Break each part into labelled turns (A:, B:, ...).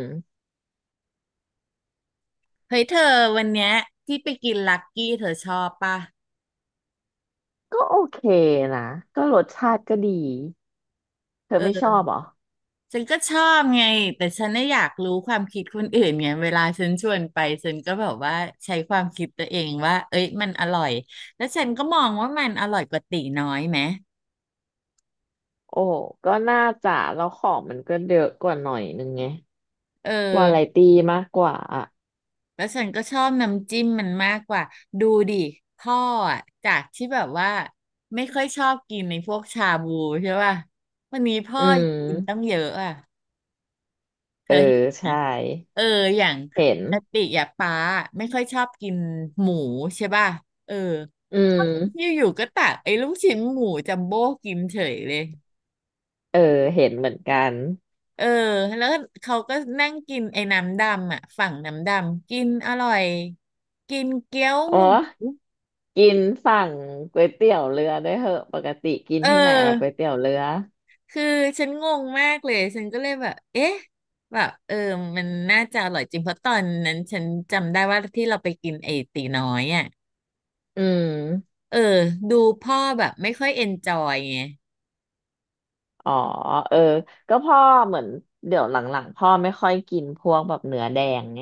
A: อืม
B: เฮ้ยเธอวันเนี้ยที่ไปกินลักกี้เธอชอบปะ
A: ก็โอเคนะก็รสชาติก็ดีเธอไม่ช
B: เออ
A: อบเหรอ
B: ฉันก็ชอบไงแต่ฉันน่ะอยากรู้ความคิดคนอื่นไงเวลาฉันชวนไปฉันก็แบบว่าใช้ความคิดตัวเองว่าเอ้ยมันอร่อยแล้วฉันก็มองว่ามันอร่อยกว่าตีน้อยไหม
A: โอ้ก็น่าจะแล้วของมันก็เยอะกว่าหน่อยนึงไง
B: เอ
A: วา
B: อ
A: ไรตี้มากกว่าอ่ะ
B: แล้วฉันก็ชอบน้ำจิ้มมันมากกว่าดูดิพ่ออะจากที่แบบว่าไม่ค่อยชอบกินในพวกชาบูใช่ป่ะวันนี้พ่อ
A: อื
B: กินตั้ง
A: ม
B: เยอะอ่ะเธ
A: เอ
B: อ
A: อ
B: เห็นไหม
A: ใช่
B: เอออย่าง
A: เห็น
B: ปกติอ่ะป้าไม่ค่อยชอบกินหมูใช่ป่ะเออ
A: อืม
B: อยู่ๆก็ตักไอ้ลูกชิ้นหมูจัมโบ้กินเฉยเลย
A: เออเห็นเหมือนกัน
B: เออแล้วเขาก็นั่งกินไอ้น้ำดำอ่ะฝั่งน้ำดำกินอร่อยกินเกี๊ยว
A: อ๋อ
B: หมู
A: กินสั่งก๋วยเตี๋ยวเรือด้วยเหอะปกติกิน
B: เอ
A: ที่ไหนล่ะก๋วย
B: อ
A: เตี๋ยวเรือ
B: คือฉันงงมากเลยฉันก็เลยแบบเอ๊ะแบบเออมันน่าจะอร่อยจริงเพราะตอนนั้นฉันจำได้ว่าที่เราไปกินไอ้ตีน้อยอ่ะ
A: อืม
B: เออดูพ่อแบบไม่ค่อยเอนจอยไง
A: อ๋อเออก็พ่อเหมือนเดี๋ยวหลังๆพ่อไม่ค่อยกินพวกแบบเนื้อแดงไง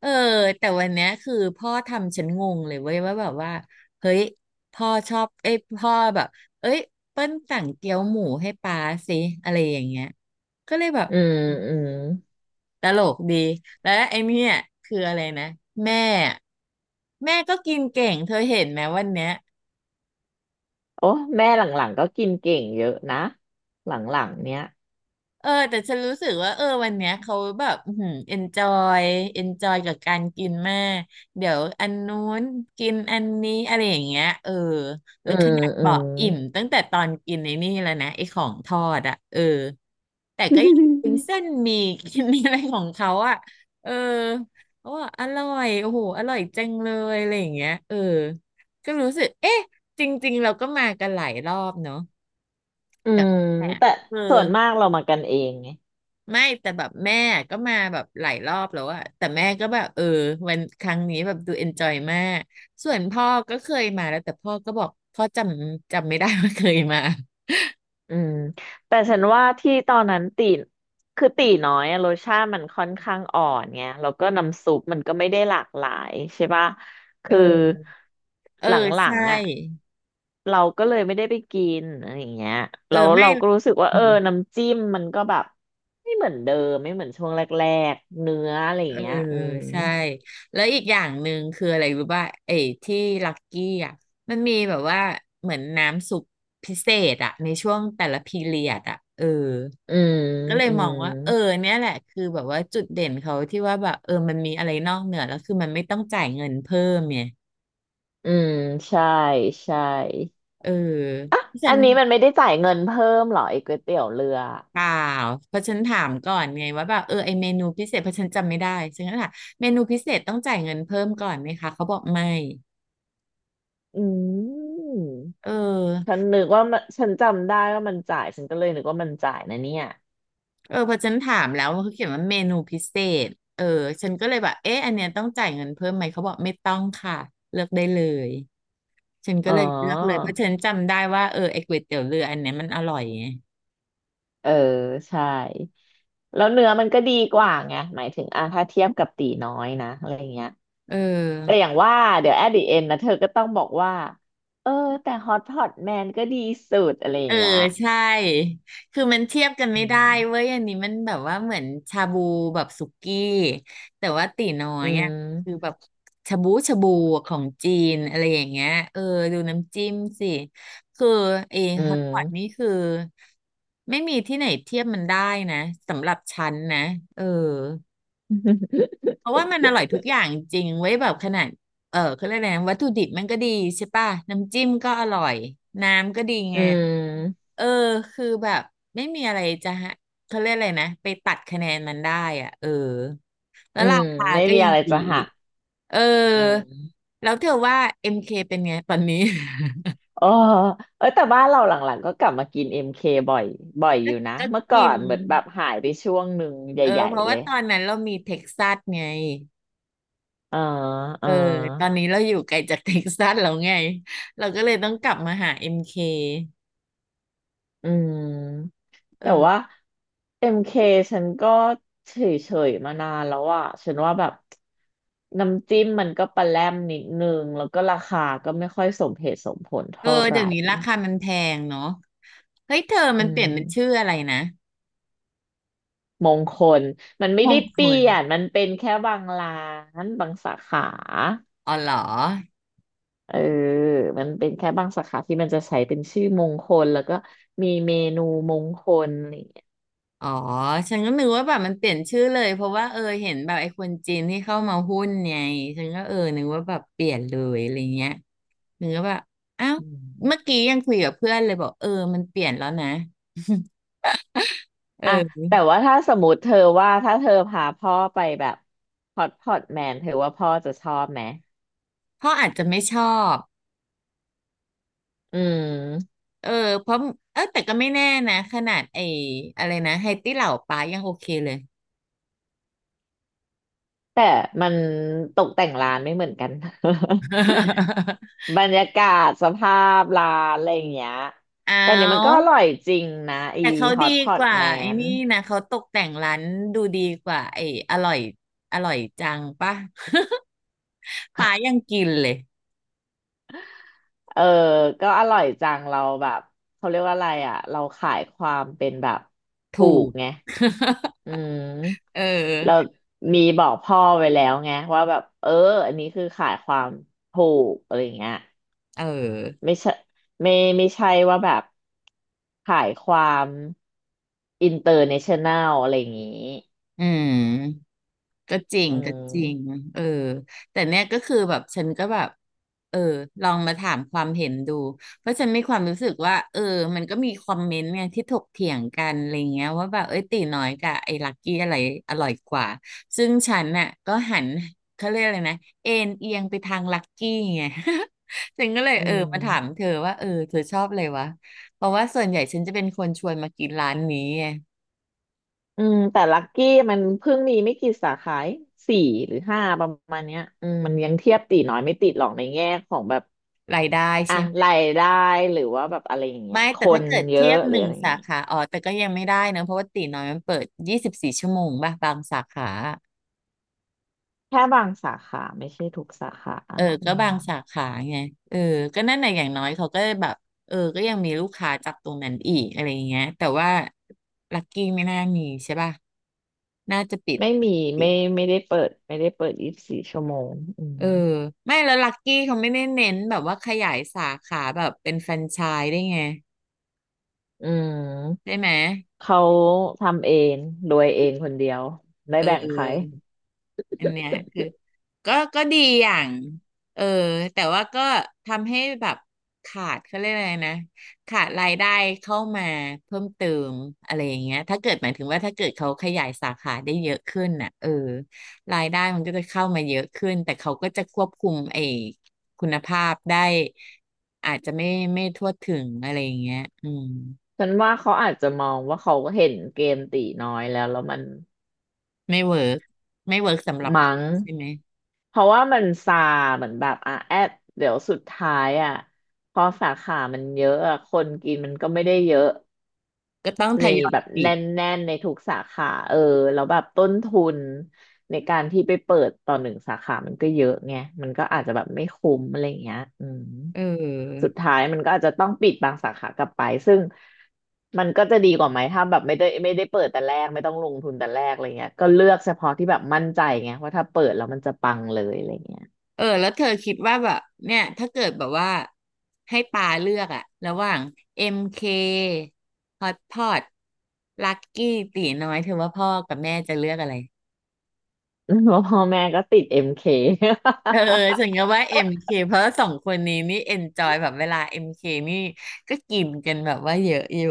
B: เออแต่วันเนี้ยคือพ่อทำฉันงงเลยเว้ยว่าแบบว่าเฮ้ยพ่อชอบเอ้ยพ่อแบบเอ้ยเปิ้ลสั่งเกี๊ยวหมูให้ป๊าสิอะไรอย่างเงี้ยก็เลยแบบ
A: อืมอืม
B: ตลกดีแล้วไอ้เนี่ยคืออะไรนะแม่แม่ก็กินเก่งเธอเห็นไหมวันเนี้ย
A: โอ้แม่หลังๆก็กินเก่งเยอะนะหลังๆเนี้ย
B: เออแต่ฉันรู้สึกว่าเออวันเนี้ยเขาแบบอืมยเอนจอยกับการกินมากเดี๋ยวอันนู้นกินอันนี้อะไรอย่างเงี้ยเออแล้
A: อื
B: วข
A: ม
B: นาด
A: อื
B: บอ
A: ม
B: กอิ่มตั้งแต่ตอนกินในนี่แล้วนะไอ้ของทอดอ่ะเออแต่ก็ยังกิน เส้นหมี่ กินอะไรของเขาอ่ะเออเขาบอกอร่อยโอ้โหอร่อยจังเลยอะไรอย่างเงี้ยเออก็รู้สึกเอ๊ะจริงๆเราก็มากันหลายรอบเนาะ
A: อื
B: แต่
A: ม
B: แต่
A: แต่
B: เออ
A: ส่วนมากเรามากันเองไง
B: ไม่แต่แบบแม่ก็มาแบบหลายรอบแล้วอะแต่แม่ก็แบบเออวันครั้งนี้แบบดูเอนจอยมากส่วนพ่อก็เคยมาแล้วแต่พ่อก็บอกพ่อจำไม่ได้ว่าเคยมา
A: อืมแต่ฉันว่าที่ตอนนั้นตีน้อยอะรสชาติมันค่อนข้างอ่อนไงแล้วก็น้ำซุปมันก็ไม่ได้หลากหลายใช่ปะ คือ
B: เออเออ
A: หลั
B: ใช่
A: งๆอ่ะเราก็เลยไม่ได้ไปกินอะไรอย่างเงี้ย
B: เออ
A: แล้ว
B: ไม่
A: เราก็รู้สึกว่าเออน้ำจิ้มมันก็แบบไม่เหมือนเดิมไม่เหมือนช่วงแรกๆเนื้ออะไรอ
B: เอ
A: ย่า
B: อ
A: งเงี้ยอืม
B: ใช่แล้วอีกอย่างหนึ่งคืออะไรรู้ป่ะไอ้ที่ลักกี้อ่ะมันมีแบบว่าเหมือนน้ำซุปพิเศษอ่ะในช่วงแต่ละพีเรียดอ่ะเออ
A: อืม
B: ก็เลย
A: อื
B: มอง
A: ม
B: ว่าเออเนี่ยแหละคือแบบว่าจุดเด่นเขาที่ว่าแบบเออมันมีอะไรนอกเหนือแล้วคือมันไม่ต้องจ่ายเงินเพิ่มเนี่ย
A: อืมใช่ใช่
B: เออเพราะฉั
A: อัน
B: น
A: นี้มันไม่ได้จ่ายเงินเพิ่มเหรอไอ้ก๋วยเตี๋ยวเรือ
B: เปล่าเพราะฉันถามก่อนไงว่าแบบเออไอเมนูพิเศษเพราะฉันจำไม่ได้ฉันก็ถามเมนูพิเศษต้องจ่ายเงินเพิ่มก่อนไหมคะเขาบอกไม่
A: อืม
B: เอ
A: ฉั
B: อ
A: นนึกว่ามันฉันจำได้ว่ามันจ่ายฉันก็เลยนึกว่ามันจ่ายนะเนี่ย
B: เออพอฉันถามแล้วเขาเขียนว่าเมนูพิเศษเออฉันก็เลยแบบเอ๊ะอันเนี้ยต้องจ่ายเงินเพิ่มไหมเขาบอกไม่ต้องค่ะเลือกได้เลย ฉันก็
A: อ๋อ
B: เลยเลือกเลยเพราะฉันจำได้ว่าเออไอ้ก๋วยเตี๋ยวเรืออันเนี้ยมันอร่อยไง
A: เออใช่แล้วเนื้อมันก็ดีกว่าไงหมายถึงอ่ะถ้าเทียบกับตีน้อยนะอะไรเงี้ย
B: เอ
A: แต่
B: อ
A: อย่างว่าเดี๋ยวแอดดิเอ็นนะเธอก็ต้องบอกว่าเออแต่ฮอตพอตแมนก็ดีสุดอะไรอ
B: เอ
A: ย่า
B: อ
A: งเงี้ย
B: ใช่คือมันเทียบกัน
A: อื
B: ไม่ได้เว้
A: ม
B: ยอันนี้มันแบบว่าเหมือนชาบูแบบสุกี้แต่ว่าตี๋น้อ
A: อื
B: ยอ่ะคือ
A: ม
B: แบบชาบูชาบูของจีนอะไรอย่างเงี้ยเออดูน้ำจิ้มสิคือเอฮอตพอตนี่คือไม่มีที่ไหนเทียบมันได้นะสำหรับฉันนะเออ
A: อ
B: เพราะว่ามันอร่อยทุกอย่างจริงเว้ยแบบขนาดเออเขาเรียกอะไรนะวัตถุดิบมันก็ดีใช่ป่ะน้ำจิ้มก็อร่อยน้ำก็ดี
A: ืม
B: ไง
A: อืม
B: เออคือแบบไม่มีอะไรจะฮะเขาเรียกอะไรนะไปตัดคะแนนมันได้อ่ะเออแล้
A: อื
B: วรา
A: ม
B: คา
A: ไม่
B: ก็
A: มี
B: ยั
A: อะ
B: ง
A: ไร
B: ดี
A: จะหั
B: อีก
A: ก
B: เออ
A: อืม
B: แล้วเธอว่า MK เคเป็นไงตอนนี้
A: เออเออแต่บ้านเราหลังๆก็กลับมากินเอ็มเคบ่อยบ่อยอยู่ นะ
B: ก็
A: เมื่อก่อ
B: กิน
A: นเหมือนแบบหายไปช่วงหนึ่ง
B: เออ
A: ใหญ่
B: เพราะ
A: ๆเล
B: ว่า
A: ย
B: ตอนนั้นเรามีเท็กซัสไง
A: เอ๋อเอ๋
B: เอ
A: อ
B: อตอนนี้เราอยู่ไกลจากเท็กซัสแล้วไงเราก็เลยต้องกลับมาหาเอ็มเค
A: อืม
B: เอ
A: แต่ว่า
B: อ
A: เอ็มเคฉันก็เฉยๆมานานแล้วอ่ะฉันว่าแบบน้ำจิ้มมันก็ปลาแรมนิดนึงแล้วก็ราคาก็ไม่ค่อยสมเหตุสมผล
B: เออ
A: เท่าไห
B: เดี๋ยว
A: ร่
B: นี้ราคามันแพงเนาะเฮ้ยเธอ
A: อื
B: มันเป
A: ม
B: ลี่ยนเป็นชื่ออะไรนะ
A: มงคลมันไม่
B: ม
A: ได้
B: งค
A: เปลี่ย
B: ล
A: น มันเป็นแค่บางร้านบางสาขา
B: อ๋อเหรอ
A: เออมันเป็นแค่บางสาขาที่มันจะใช้เป็นชื่อมงคลแล้วก็มีเมนูมงคลอะไรอย่างเงี้ย
B: อ๋อฉันก็นึกว่าแบบมันเปลี่ยนชื่อเลยเพราะว่าเออเห็นแบบไอ้คนจีนที่เข้ามาหุ้นไงฉันก็เออนึกว่าแบบเปลี่ยนเลยอะไรเงี้ยนึกว่าแบบอ้าว
A: อืม
B: เมื่อกี้ยังคุยกับเพื่อนเลยบอกเออมันเปลี่ยนแล้วนะ
A: อ่ะ
B: เออ
A: แต่ว่าถ้าสมมติเธอว่าถ้าเธอพาพ่อไปแบบฮอตพอตแมนเธอว่าพ่อจะชอบไหม
B: เขาอาจจะไม่ชอบ
A: อืม
B: เออเพราะเออแต่ก็ไม่แน่นะขนาดไอ้อะไรนะไฮตี้เหล่าป้ายังโอเคเลย
A: แต่มันตกแต่งร้านไม่เหมือนกัน บรรยากาศสภาพร้านอะไรอย่างเงี้ย
B: เอ
A: แต่นี่มันก็อ
B: า
A: ร่อยจริงนะอี
B: แต่เขา
A: ฮอ
B: ดี
A: ตพอ
B: ก
A: ต
B: ว่า
A: แม
B: ไอ้
A: น
B: นี่นะเขาตกแต่งร้านดูดีกว่าไอ้อร่อยอร่อยจังป่ะ ป้ายังกินเลย
A: เออ ก็อร่อยจังเราแบบเขาเรียกว่าอะไรอ่ะเราขายความเป็นแบบถู
B: ถู
A: ก
B: ก
A: ไง อื
B: เอ
A: มเรา
B: อ
A: มีบอกพ่อไว้แล้วไงว่าแบบเอออันนี้คือขายความถูกอะไรอย่างเงี้ย
B: เออ
A: ไม่ใช่ไม่ไม่ใช่ว่าแบบขายความอินเตอร์เนชั่นแนลอะไรอย่างงี้
B: อืม ก็จริง
A: อื
B: ก็จริง
A: ม
B: เออแต่เนี่ยก็คือแบบฉันก็แบบเออลองมาถามความเห็นดูเพราะฉันมีความรู้สึกว่าเออมันก็มีคอมเมนต์ไงที่ถกเถียงกันอะไรเงี้ยว่าแบบเอ้ยตีน้อยกับไอ้ลักกี้อะไรอร่อยกว่าซึ่งฉันน่ะก็หันเขาเรียกอะไรนะเอ็นเอียงไปทางลักกี้ไง ฉันก็เลย
A: อื
B: เออมาถาม
A: ม
B: เธอว่าเออเธอชอบอะไรวะเพราะว่าส่วนใหญ่ฉันจะเป็นคนชวนมากินร้านนี้ไง
A: อืมแต่ลักกี้มันเพิ่งมีไม่กี่สาขาเอง4 หรือ 5ประมาณเนี้ยอืมมันยังเทียบตีน้อยไม่ติดหรอกในแง่ของแบบ
B: รายได้
A: อ่ะ
B: ใช่
A: รายได้หรือว่าแบบอะไรอย่างเงี้ย
B: ไม่
A: ค
B: แต่ถ้า
A: น
B: เกิด
A: เย
B: เที
A: อะ
B: ยบ
A: ห
B: ห
A: รือ
B: นึ่ง
A: อะไรอย่าง
B: สา
A: เงี้ย
B: ขาอ๋อแต่ก็ยังไม่ได้นะเพราะว่าตีน้อยมันเปิด24 ชั่วโมงป่ะบางสาขา
A: แค่บางสาขาไม่ใช่ทุกสาขา
B: เออ
A: อื
B: ก็
A: ม
B: บางสาขาไงเออก็นั่นแหละอย่างน้อยเขาก็แบบเออก็ยังมีลูกค้าจากตรงนั้นอีกอะไรอย่างเงี้ยแต่ว่าลักกี้ไม่น่ามีใช่ป่ะน่าจะปิด
A: ไม่มี
B: ปิ
A: ไม่
B: ด
A: ไม่ได้เปิด24 ชั่วโมงอื
B: เอ
A: ม
B: อไม่แล้วลักกี้เขาไม่ได้เน้นแบบว่าขยายสาขาแบบเป็นแฟรนไชส์ได้ไง
A: อื
B: ได้
A: ม
B: ไหม
A: เขาทำเองโดยเองคนเดียวไม่
B: เอ
A: แบ่งใคร
B: อ อันเนี้ยคือก็ดีอย่างเออแต่ว่าก็ทำให้แบบขาดเขาเรียกอะไรนะขาดรายได้เข้ามาเพิ่มเติมอะไรอย่างเงี้ยถ้าเกิดหมายถึงว่าถ้าเกิดเขาขยายสาขาได้เยอะขึ้นน่ะเออรายได้มันก็จะเข้ามาเยอะขึ้นแต่เขาก็จะควบคุมไอ้คุณภาพได้อาจจะไม่ทั่วถึงอะไรอย่างเงี้ยอืม
A: ฉันว่าเขาอาจจะมองว่าเขาเห็นเกมตีน้อยแล้วมัน
B: ไม่เวิร์กไม่เวิร์กสำหรับ
A: มั้ง
B: ใช่ไหม
A: เพราะว่ามันซาเหมือนแบบอ่ะแอดเดี๋ยวสุดท้ายอ่ะพอสาขามันเยอะอะคนกินมันก็ไม่ได้เยอะ
B: ก็ต้องท
A: ใน
B: ยอย
A: แบบ
B: ปิ
A: แน
B: ด
A: ่นๆในทุกสาขาเออแล้วแบบต้นทุนในการที่ไปเปิดต่อหนึ่งสาขามันก็เยอะไงมันก็อาจจะแบบไม่คุ้มอะไรอย่างเงี้ยอืม
B: เออ
A: สุดท้ายมันก็อาจจะต้องปิดบางสาขากลับไปซึ่งมันก็จะดีกว่าไหมถ้าแบบไม่ได้เปิดแต่แรกไม่ต้องลงทุนแต่แรกอะไรเงี้ยก็เลือกเฉพาะที่แบบมั่นใจไงว่าถ้าเปิดแล้วมันจะปังเลยอะไรเงี้ย
B: เออแล้วเธอคิดว่าแบบเนี่ยถ้าเกิดแบบว่าให้ปาเลือกอะระหว่าง MK Hot Pot Lucky ตีน้อยเธอว่าพ่อกับแม่จะเลือกอะไร
A: เพราะพ่อแม่ก็ติดเอ็มเค
B: เออฉันก็ว่า MK เคเพราะสองคนนี้นี่ enjoy แบบเวลา MK นี่ก็กินกันแบบว่าเยอะอยู่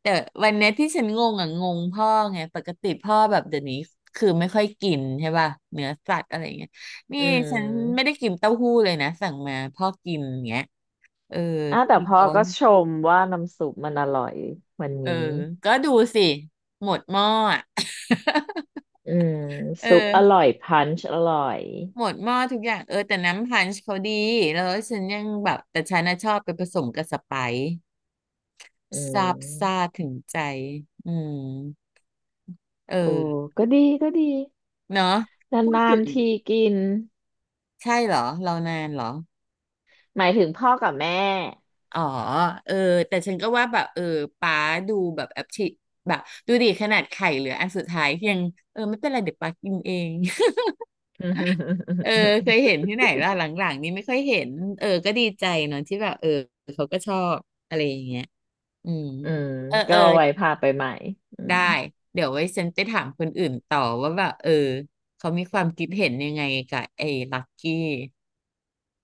B: แต่วันเนี้ยที่ฉันงงอ่ะงงพ่อไงปกติพ่อแบบเดี๋ยวนี้คือไม่ค่อยกินใช่ป่ะเนื้อสัตว์อะไรอย่างเงี้ยนี่
A: อื
B: ฉันไม่ได้
A: ม
B: กินเต้าหู้เลยนะสั่งมาพ่อกินอย่างเงี้ย เออ
A: อ่ะแต่
B: ที่
A: พ่อ
B: เขา
A: ก็ชมว่าน้ำซุปมันอร่อยวัน
B: เออ
A: นี้
B: ก็ดูสิหมดหม้ออะ
A: อืม
B: เออ
A: ซุปอร่อยพันช์อร่อย
B: หมดหม้อทุกอย่างเออแต่น้ำพันช์เขาดีแล้วฉันยังแบบแต่ฉันน่ะชอบไปผสมกับสไปซ์
A: อื
B: ซาบซ่า
A: ม
B: ถึงใจอืมเอ
A: โอ้
B: อ
A: ก็ดีก็ดี
B: เนาะพูด
A: นา
B: ถึ
A: น
B: ง
A: ๆทีกิน
B: ใช่เหรอเรานานเหรอ
A: หมายถึงพ่อกับแม่
B: อ๋อเออแต่ฉันก็ว่าแบบเออป้าดูแบบแอปชิแบบดูดิขนาดไข่เหลืออันสุดท้ายยังเออไม่เป็นไรเดี๋ยวป้ากินเอง เออเคยเห็นที่ไหนล่ะหลังๆนี้ไม่ค่อยเห็นเออก็ดีใจเนาะที่แบบเออเขาก็ชอบอะไรอย่างเงี้ยอืม
A: อืม
B: เออเอ
A: ก็
B: อ
A: ไว้พาไปใหม่อื
B: ได้
A: ม
B: เดี๋ยวไว้ฉันไปถามคนอื่นต่อว่าแบบเออเขามีความคิดเห็นยังไงกับไอ้ลักกี้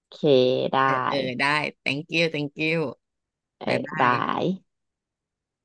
A: โอเคได้
B: เออเออได้ thank you thank you
A: เออ
B: บายบา
A: บา
B: ย
A: ย